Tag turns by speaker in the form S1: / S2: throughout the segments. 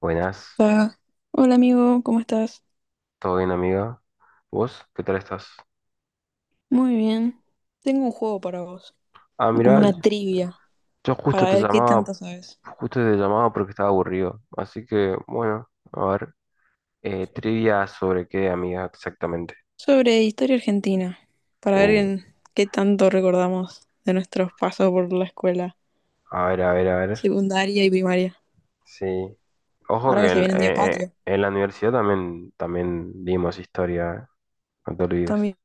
S1: Buenas,
S2: Ah, hola amigo, ¿cómo estás?
S1: ¿todo bien, amiga? ¿Vos? ¿Qué tal estás?
S2: Muy bien. Tengo un juego para vos,
S1: Ah,
S2: como
S1: mira,
S2: una trivia,
S1: yo
S2: para ver qué tanto sabes.
S1: justo te llamaba porque estaba aburrido. Así que, bueno, a ver, trivia sobre qué, amiga, exactamente.
S2: Sobre historia argentina, para ver
S1: Uh,
S2: en qué tanto recordamos de nuestros pasos por la escuela
S1: a ver, a ver, a ver.
S2: secundaria y primaria.
S1: Sí. Ojo
S2: Ahora que
S1: que
S2: se
S1: en,
S2: viene un día
S1: eh, eh,
S2: patrio.
S1: en la universidad también dimos historia. No te olvides.
S2: También.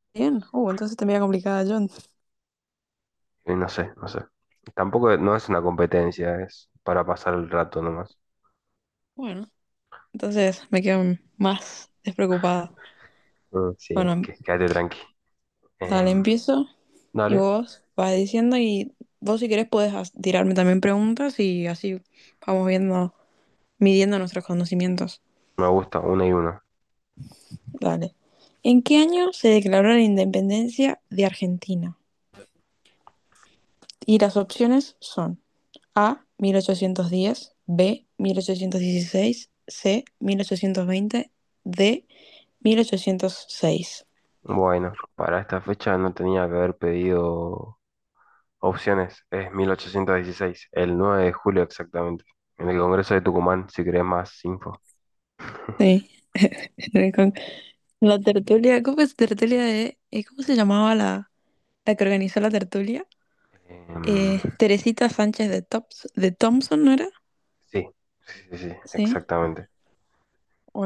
S2: Entonces te complicada, John.
S1: Y no sé, no sé. Tampoco no es una competencia, es para pasar el rato nomás.
S2: Bueno, entonces me quedo más despreocupada.
S1: Mm, sí,
S2: Bueno,
S1: quédate tranqui.
S2: dale,
S1: Em,
S2: empiezo y
S1: dale.
S2: vos vas diciendo, y vos si querés podés tirarme también preguntas, y así vamos viendo, midiendo nuestros conocimientos.
S1: Me gusta una y una.
S2: Dale. ¿En qué año se declaró la independencia de Argentina? Y las opciones son A, 1810; B, 1816; C, 1820; D, 1806.
S1: Bueno, para esta fecha no tenía que haber pedido opciones. Es 1816, el 9 de julio exactamente, en el Congreso de Tucumán, si querés más info.
S2: Sí. La tertulia, ¿cómo es tertulia de, cómo se llamaba la que organizó la tertulia?
S1: Em,
S2: Teresita Sánchez de Thompson, ¿no era?
S1: sí, sí, sí, sí,
S2: Sí.
S1: exactamente.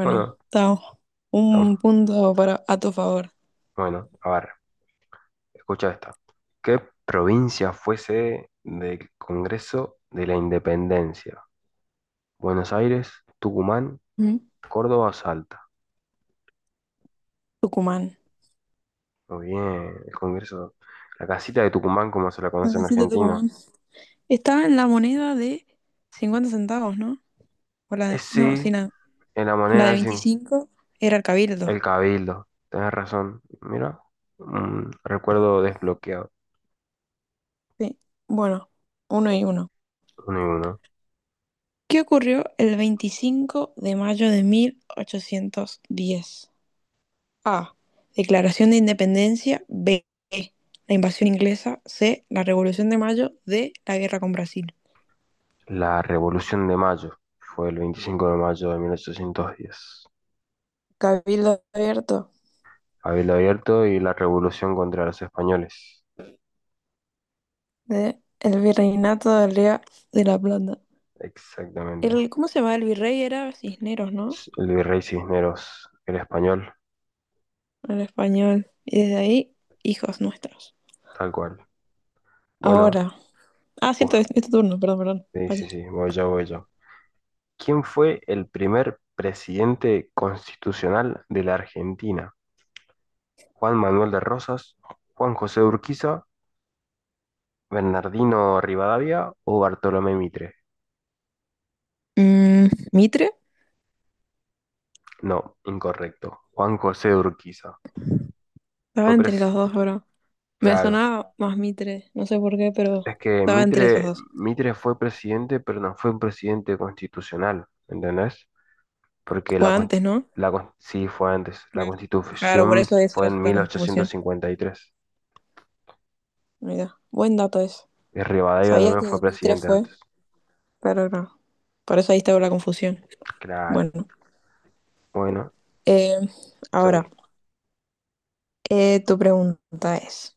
S1: Bueno,
S2: está
S1: tam-
S2: un punto para a tu favor.
S1: bueno, a ver, escucha esta. ¿Qué provincia fuese del Congreso de la Independencia? Buenos Aires, Tucumán,
S2: Mm.
S1: Córdoba o Salta.
S2: Tucumán.
S1: Muy bien, el Congreso. La casita de Tucumán, como se la
S2: La
S1: conoce en
S2: casita
S1: Argentina.
S2: Tucumán. Estaba en la moneda de 50 centavos, ¿no? O la
S1: Eh,
S2: no, sí,
S1: sí, en la
S2: la
S1: moneda
S2: de
S1: dicen
S2: 25 era el cabildo.
S1: el Cabildo. Tenés razón. Mira, un recuerdo desbloqueado.
S2: Sí. Bueno, uno y uno.
S1: Uno y uno.
S2: ¿Qué ocurrió el 25 de mayo de 1810? A. Declaración de Independencia. B. La invasión inglesa. C. La Revolución de Mayo. D. La guerra con Brasil.
S1: La Revolución de Mayo fue el 25 de mayo de 1810.
S2: Cabildo abierto.
S1: Cabildo abierto y la revolución contra los españoles.
S2: D. El virreinato del Río de la Plata.
S1: Exactamente.
S2: El, ¿cómo se llama? El virrey era Cisneros, ¿no?
S1: El virrey Cisneros, el español,
S2: En español. Y desde ahí, hijos nuestros.
S1: tal cual. Bueno,
S2: Ahora. Ah,
S1: uh,
S2: cierto, es tu turno, perdón.
S1: sí, sí,
S2: Vaya.
S1: sí, voy yo, voy yo. ¿Quién fue el primer presidente constitucional de la Argentina? ¿Juan Manuel de Rosas, Juan José de Urquiza, Bernardino Rivadavia o Bartolomé Mitre?
S2: Mm, ¿Mitre?
S1: No, incorrecto. Juan José de Urquiza.
S2: Estaba
S1: Fue
S2: entre
S1: pres-
S2: los dos, pero me
S1: claro.
S2: sonaba más Mitre, no sé por qué, pero
S1: Es que
S2: estaba entre esos
S1: Mitre,
S2: dos.
S1: Mitre fue presidente, pero no fue un presidente constitucional, ¿entendés? Porque
S2: Fue
S1: la,
S2: antes,
S1: consti-
S2: ¿no?
S1: la con- sí fue antes. La
S2: Claro, claro, por
S1: constitución
S2: eso esa
S1: fue
S2: era
S1: en
S2: la confusión.
S1: 1853.
S2: Mira, buen dato eso.
S1: Y tres. Y Rivadavia
S2: Sabía
S1: también
S2: que
S1: fue
S2: Demetria
S1: presidente
S2: fue,
S1: antes.
S2: pero no. Por eso ahí estaba la confusión.
S1: Claro.
S2: Bueno,
S1: Bueno,
S2: eh,
S1: estoy,
S2: ahora, tu pregunta es,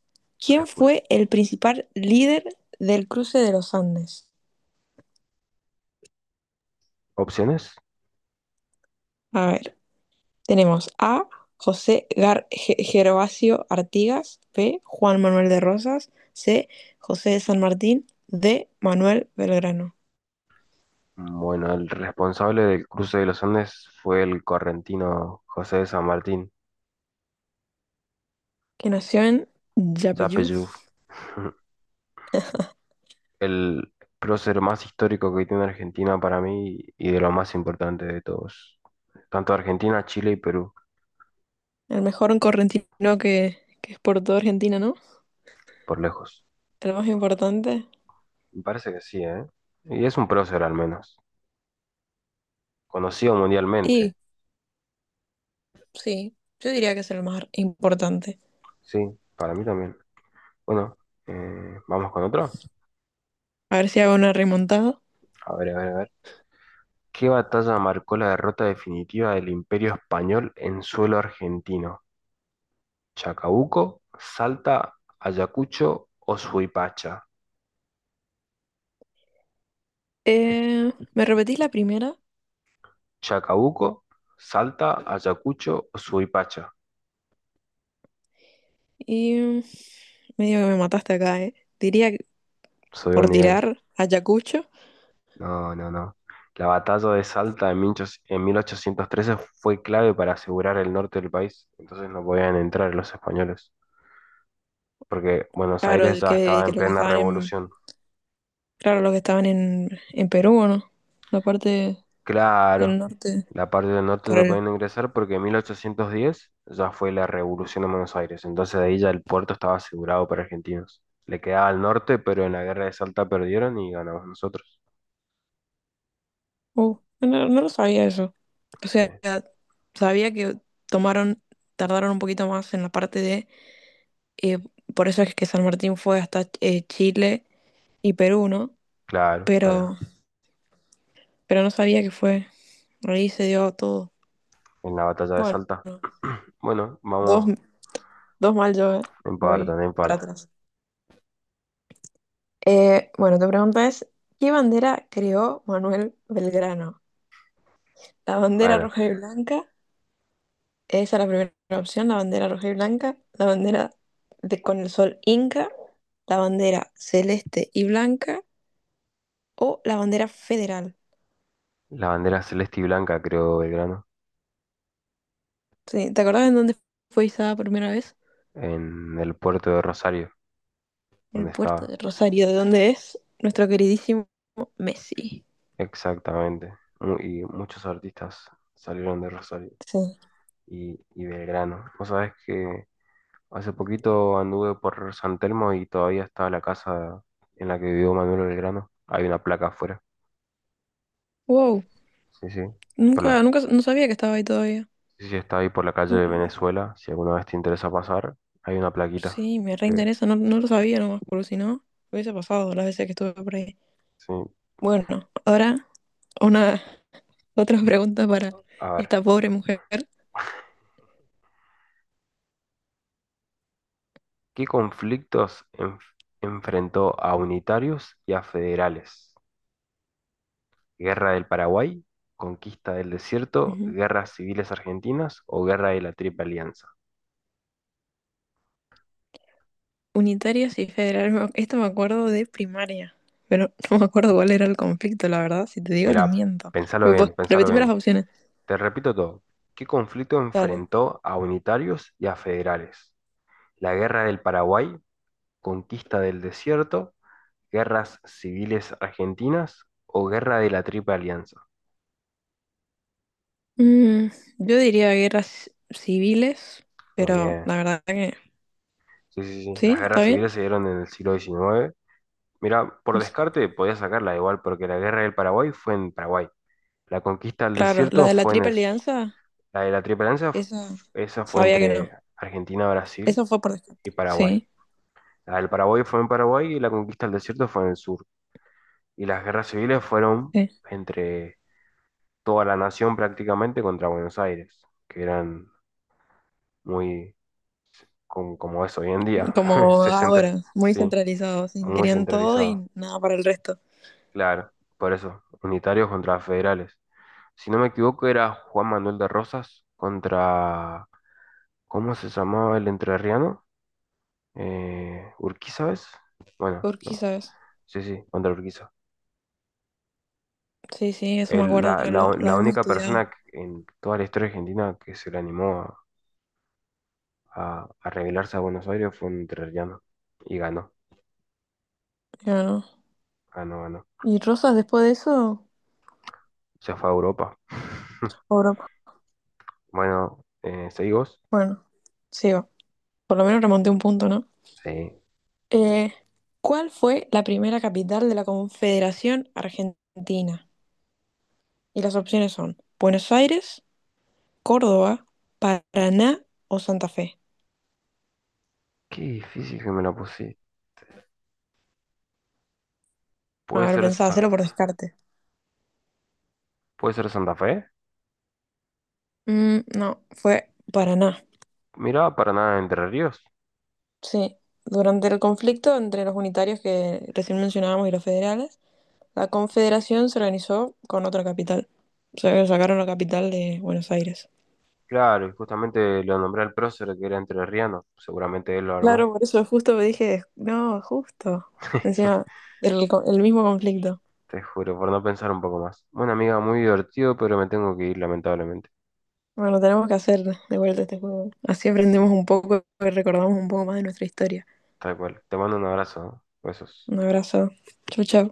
S1: te
S2: ¿quién
S1: escucho.
S2: fue el principal líder del cruce de los Andes?
S1: Opciones.
S2: A ver, tenemos A, José Gervasio Artigas; B, Juan Manuel de Rosas; C, José de San Martín; D, Manuel Belgrano,
S1: Bueno, el responsable del cruce de los Andes fue el correntino José de San Martín,
S2: que nació en Yapeyú.
S1: Yapeyú. El prócer más histórico que tiene Argentina para mí y de lo más importante de todos. Tanto Argentina, Chile y Perú,
S2: El mejor en correntino que exportó Argentina, ¿no?
S1: por lejos.
S2: El más importante.
S1: Me parece que sí, ¿eh? Y es un prócer al menos. Conocido mundialmente.
S2: Y sí, yo diría que es el más importante.
S1: Sí, para mí también. Bueno, vamos con otro.
S2: A ver si hago una remontada.
S1: A ver, a ver, a ver. ¿Qué batalla marcó la derrota definitiva del Imperio Español en suelo argentino? ¿Chacabuco, Salta, Ayacucho o Suipacha? ¿Qué?
S2: Me repetís la primera
S1: ¿Chacabuco, Salta, Ayacucho o Suipacha?
S2: y mm, medio que me mataste acá, ¿eh? Diría que
S1: Subió el
S2: por
S1: nivel.
S2: tirar a Ayacucho.
S1: No, no, no. La batalla de Salta en 1813 fue clave para asegurar el norte del país, entonces no podían entrar los españoles, porque Buenos
S2: Claro,
S1: Aires ya estaba
S2: que
S1: en
S2: lo que
S1: plena
S2: estaban en,
S1: revolución.
S2: claro, los que estaban en Perú, ¿o no? La parte del
S1: Claro,
S2: norte,
S1: la parte del norte
S2: por
S1: no
S2: el
S1: podían ingresar porque en 1810 ya fue la revolución en Buenos Aires, entonces de ahí ya el puerto estaba asegurado para argentinos. Le quedaba al norte, pero en la guerra de Salta perdieron y ganamos nosotros.
S2: No, no lo sabía eso. O
S1: Sí,
S2: sea, sabía que tomaron, tardaron un poquito más en la parte de, eh, por eso es que San Martín fue hasta Chile y Perú, ¿no?
S1: claro, para
S2: Pero, pero no sabía que fue, ahí se dio todo.
S1: en la batalla de
S2: Bueno,
S1: Salta. Bueno,
S2: dos,
S1: vamos
S2: dos mal yo, ¿eh?
S1: en parte,
S2: Voy
S1: no
S2: para
S1: importa.
S2: atrás. Bueno, tu pregunta es, ¿qué bandera creó Manuel Belgrano? ¿La bandera
S1: Bueno,
S2: roja y blanca? Esa es la primera opción. La bandera roja y blanca, la bandera de, con el sol inca, la bandera celeste y blanca, o la bandera federal.
S1: la bandera celeste y blanca, creo, Belgrano,
S2: Sí, ¿te acordás en dónde fue izada por primera vez?
S1: en el puerto de Rosario, donde
S2: El puerto
S1: estaba.
S2: de Rosario, de donde es nuestro queridísimo Messi.
S1: Exactamente. Y muchos artistas salieron de Rosario
S2: Sí.
S1: y Belgrano. Vos sabés que hace poquito anduve por San Telmo y todavía estaba la casa en la que vivió Manuel Belgrano. Hay una placa afuera.
S2: Wow,
S1: Sí, sí. Por
S2: nunca,
S1: la...
S2: nunca, no sabía que estaba ahí todavía.
S1: Sí, sí, está ahí por la calle
S2: Nu-
S1: de Venezuela. Si alguna vez te interesa pasar, hay una plaquita.
S2: Sí, me
S1: Que...
S2: reinteresa, no, no lo sabía nomás, porque si no, hubiese pasado las veces que estuve por ahí.
S1: Sí.
S2: Bueno, ahora una. Otra pregunta para
S1: A ver.
S2: esta pobre mujer.
S1: ¿Qué enfrentó a unitarios y a federales? ¿Guerra del Paraguay? ¿Conquista del desierto?
S2: Ujú.
S1: ¿Guerras civiles argentinas o guerra de la Triple Alianza?
S2: Unitarios y federales. Esto me acuerdo de primaria, pero no me acuerdo cuál era el conflicto, la verdad. Si te digo, te
S1: Mirá,
S2: miento.
S1: pensalo bien, pensalo
S2: Repetime las
S1: bien.
S2: opciones.
S1: Te repito todo. ¿Qué conflicto
S2: Dale.
S1: enfrentó a unitarios y a federales? La Guerra del Paraguay, conquista del desierto, guerras civiles argentinas o guerra de la Triple Alianza.
S2: Mm, yo diría guerras civiles,
S1: Muy
S2: pero
S1: bien.
S2: la verdad que
S1: Sí, sí, sí. Las
S2: sí, está
S1: guerras
S2: bien.
S1: civiles se dieron en el siglo XIX. Mira, por
S2: No.
S1: descarte podía sacarla igual, porque la Guerra del Paraguay fue en Paraguay. La conquista del
S2: Claro, la
S1: desierto
S2: de la
S1: fue en el...
S2: Triple Alianza,
S1: La de la Triple Alianza,
S2: esa
S1: esa fue
S2: sabía que no.
S1: entre Argentina, Brasil
S2: Eso fue por
S1: y
S2: descarte.
S1: Paraguay.
S2: Sí,
S1: La del Paraguay fue en Paraguay y la conquista del desierto fue en el sur, y las guerras civiles fueron
S2: sí.
S1: entre toda la nación prácticamente contra Buenos Aires, que eran muy como es hoy en día,
S2: Como
S1: se centra-
S2: ahora, muy
S1: sí,
S2: centralizado, sí,
S1: muy
S2: querían todo
S1: centralizado,
S2: y nada para el resto.
S1: claro, por eso, unitarios contra federales. Si no me equivoco era Juan Manuel de Rosas contra, ¿cómo se llamaba el entrerriano? Urquiza, ¿ves? Bueno,
S2: ¿Por qué,
S1: no,
S2: sabes?
S1: sí, sí, contra Urquiza.
S2: Sí, sí, eso me
S1: El-
S2: acuerdo
S1: la, la-
S2: lo
S1: la
S2: habíamos
S1: única
S2: estudiado.
S1: persona en toda la historia argentina que se le animó a revelarse a Buenos Aires, fue un entrerriano y ganó,
S2: Claro.
S1: ganó, ganó.
S2: ¿Y Rosas después de eso?
S1: Se fue a Europa.
S2: Europa.
S1: Bueno, ¿seguimos?
S2: Bueno, sigo. Por lo menos remonté un punto, ¿no?
S1: Sí.
S2: Eh, ¿Cuál fue la primera capital de la Confederación Argentina? Y las opciones son Buenos Aires, Córdoba, Paraná o Santa Fe.
S1: Qué difícil que me la puse.
S2: A
S1: ¿Puede
S2: ver,
S1: ser,
S2: pensaba
S1: Sa-
S2: hacerlo por descarte.
S1: ¿Puede ser Santa Fe?
S2: Mm, no, fue Paraná.
S1: Mirá, para nada Entre Ríos.
S2: Sí, durante el conflicto entre los unitarios que recién mencionábamos y los federales, la Confederación se organizó con otra capital. O sea, sacaron la capital de Buenos Aires.
S1: Claro, y justamente lo nombré al prócer que era entrerriano. Seguramente él lo armó.
S2: Claro, por eso justo me dije, no, justo. Encima, el mismo conflicto.
S1: Te juro, por no pensar un poco más. Bueno, amiga, muy divertido, pero me tengo que ir, lamentablemente.
S2: Bueno, tenemos que hacer de vuelta este juego. Así
S1: Sí,
S2: aprendemos un poco y recordamos un poco más de nuestra historia.
S1: tal cual. Te mando un abrazo, ¿no? Besos.
S2: Un abrazo. Chau, chau.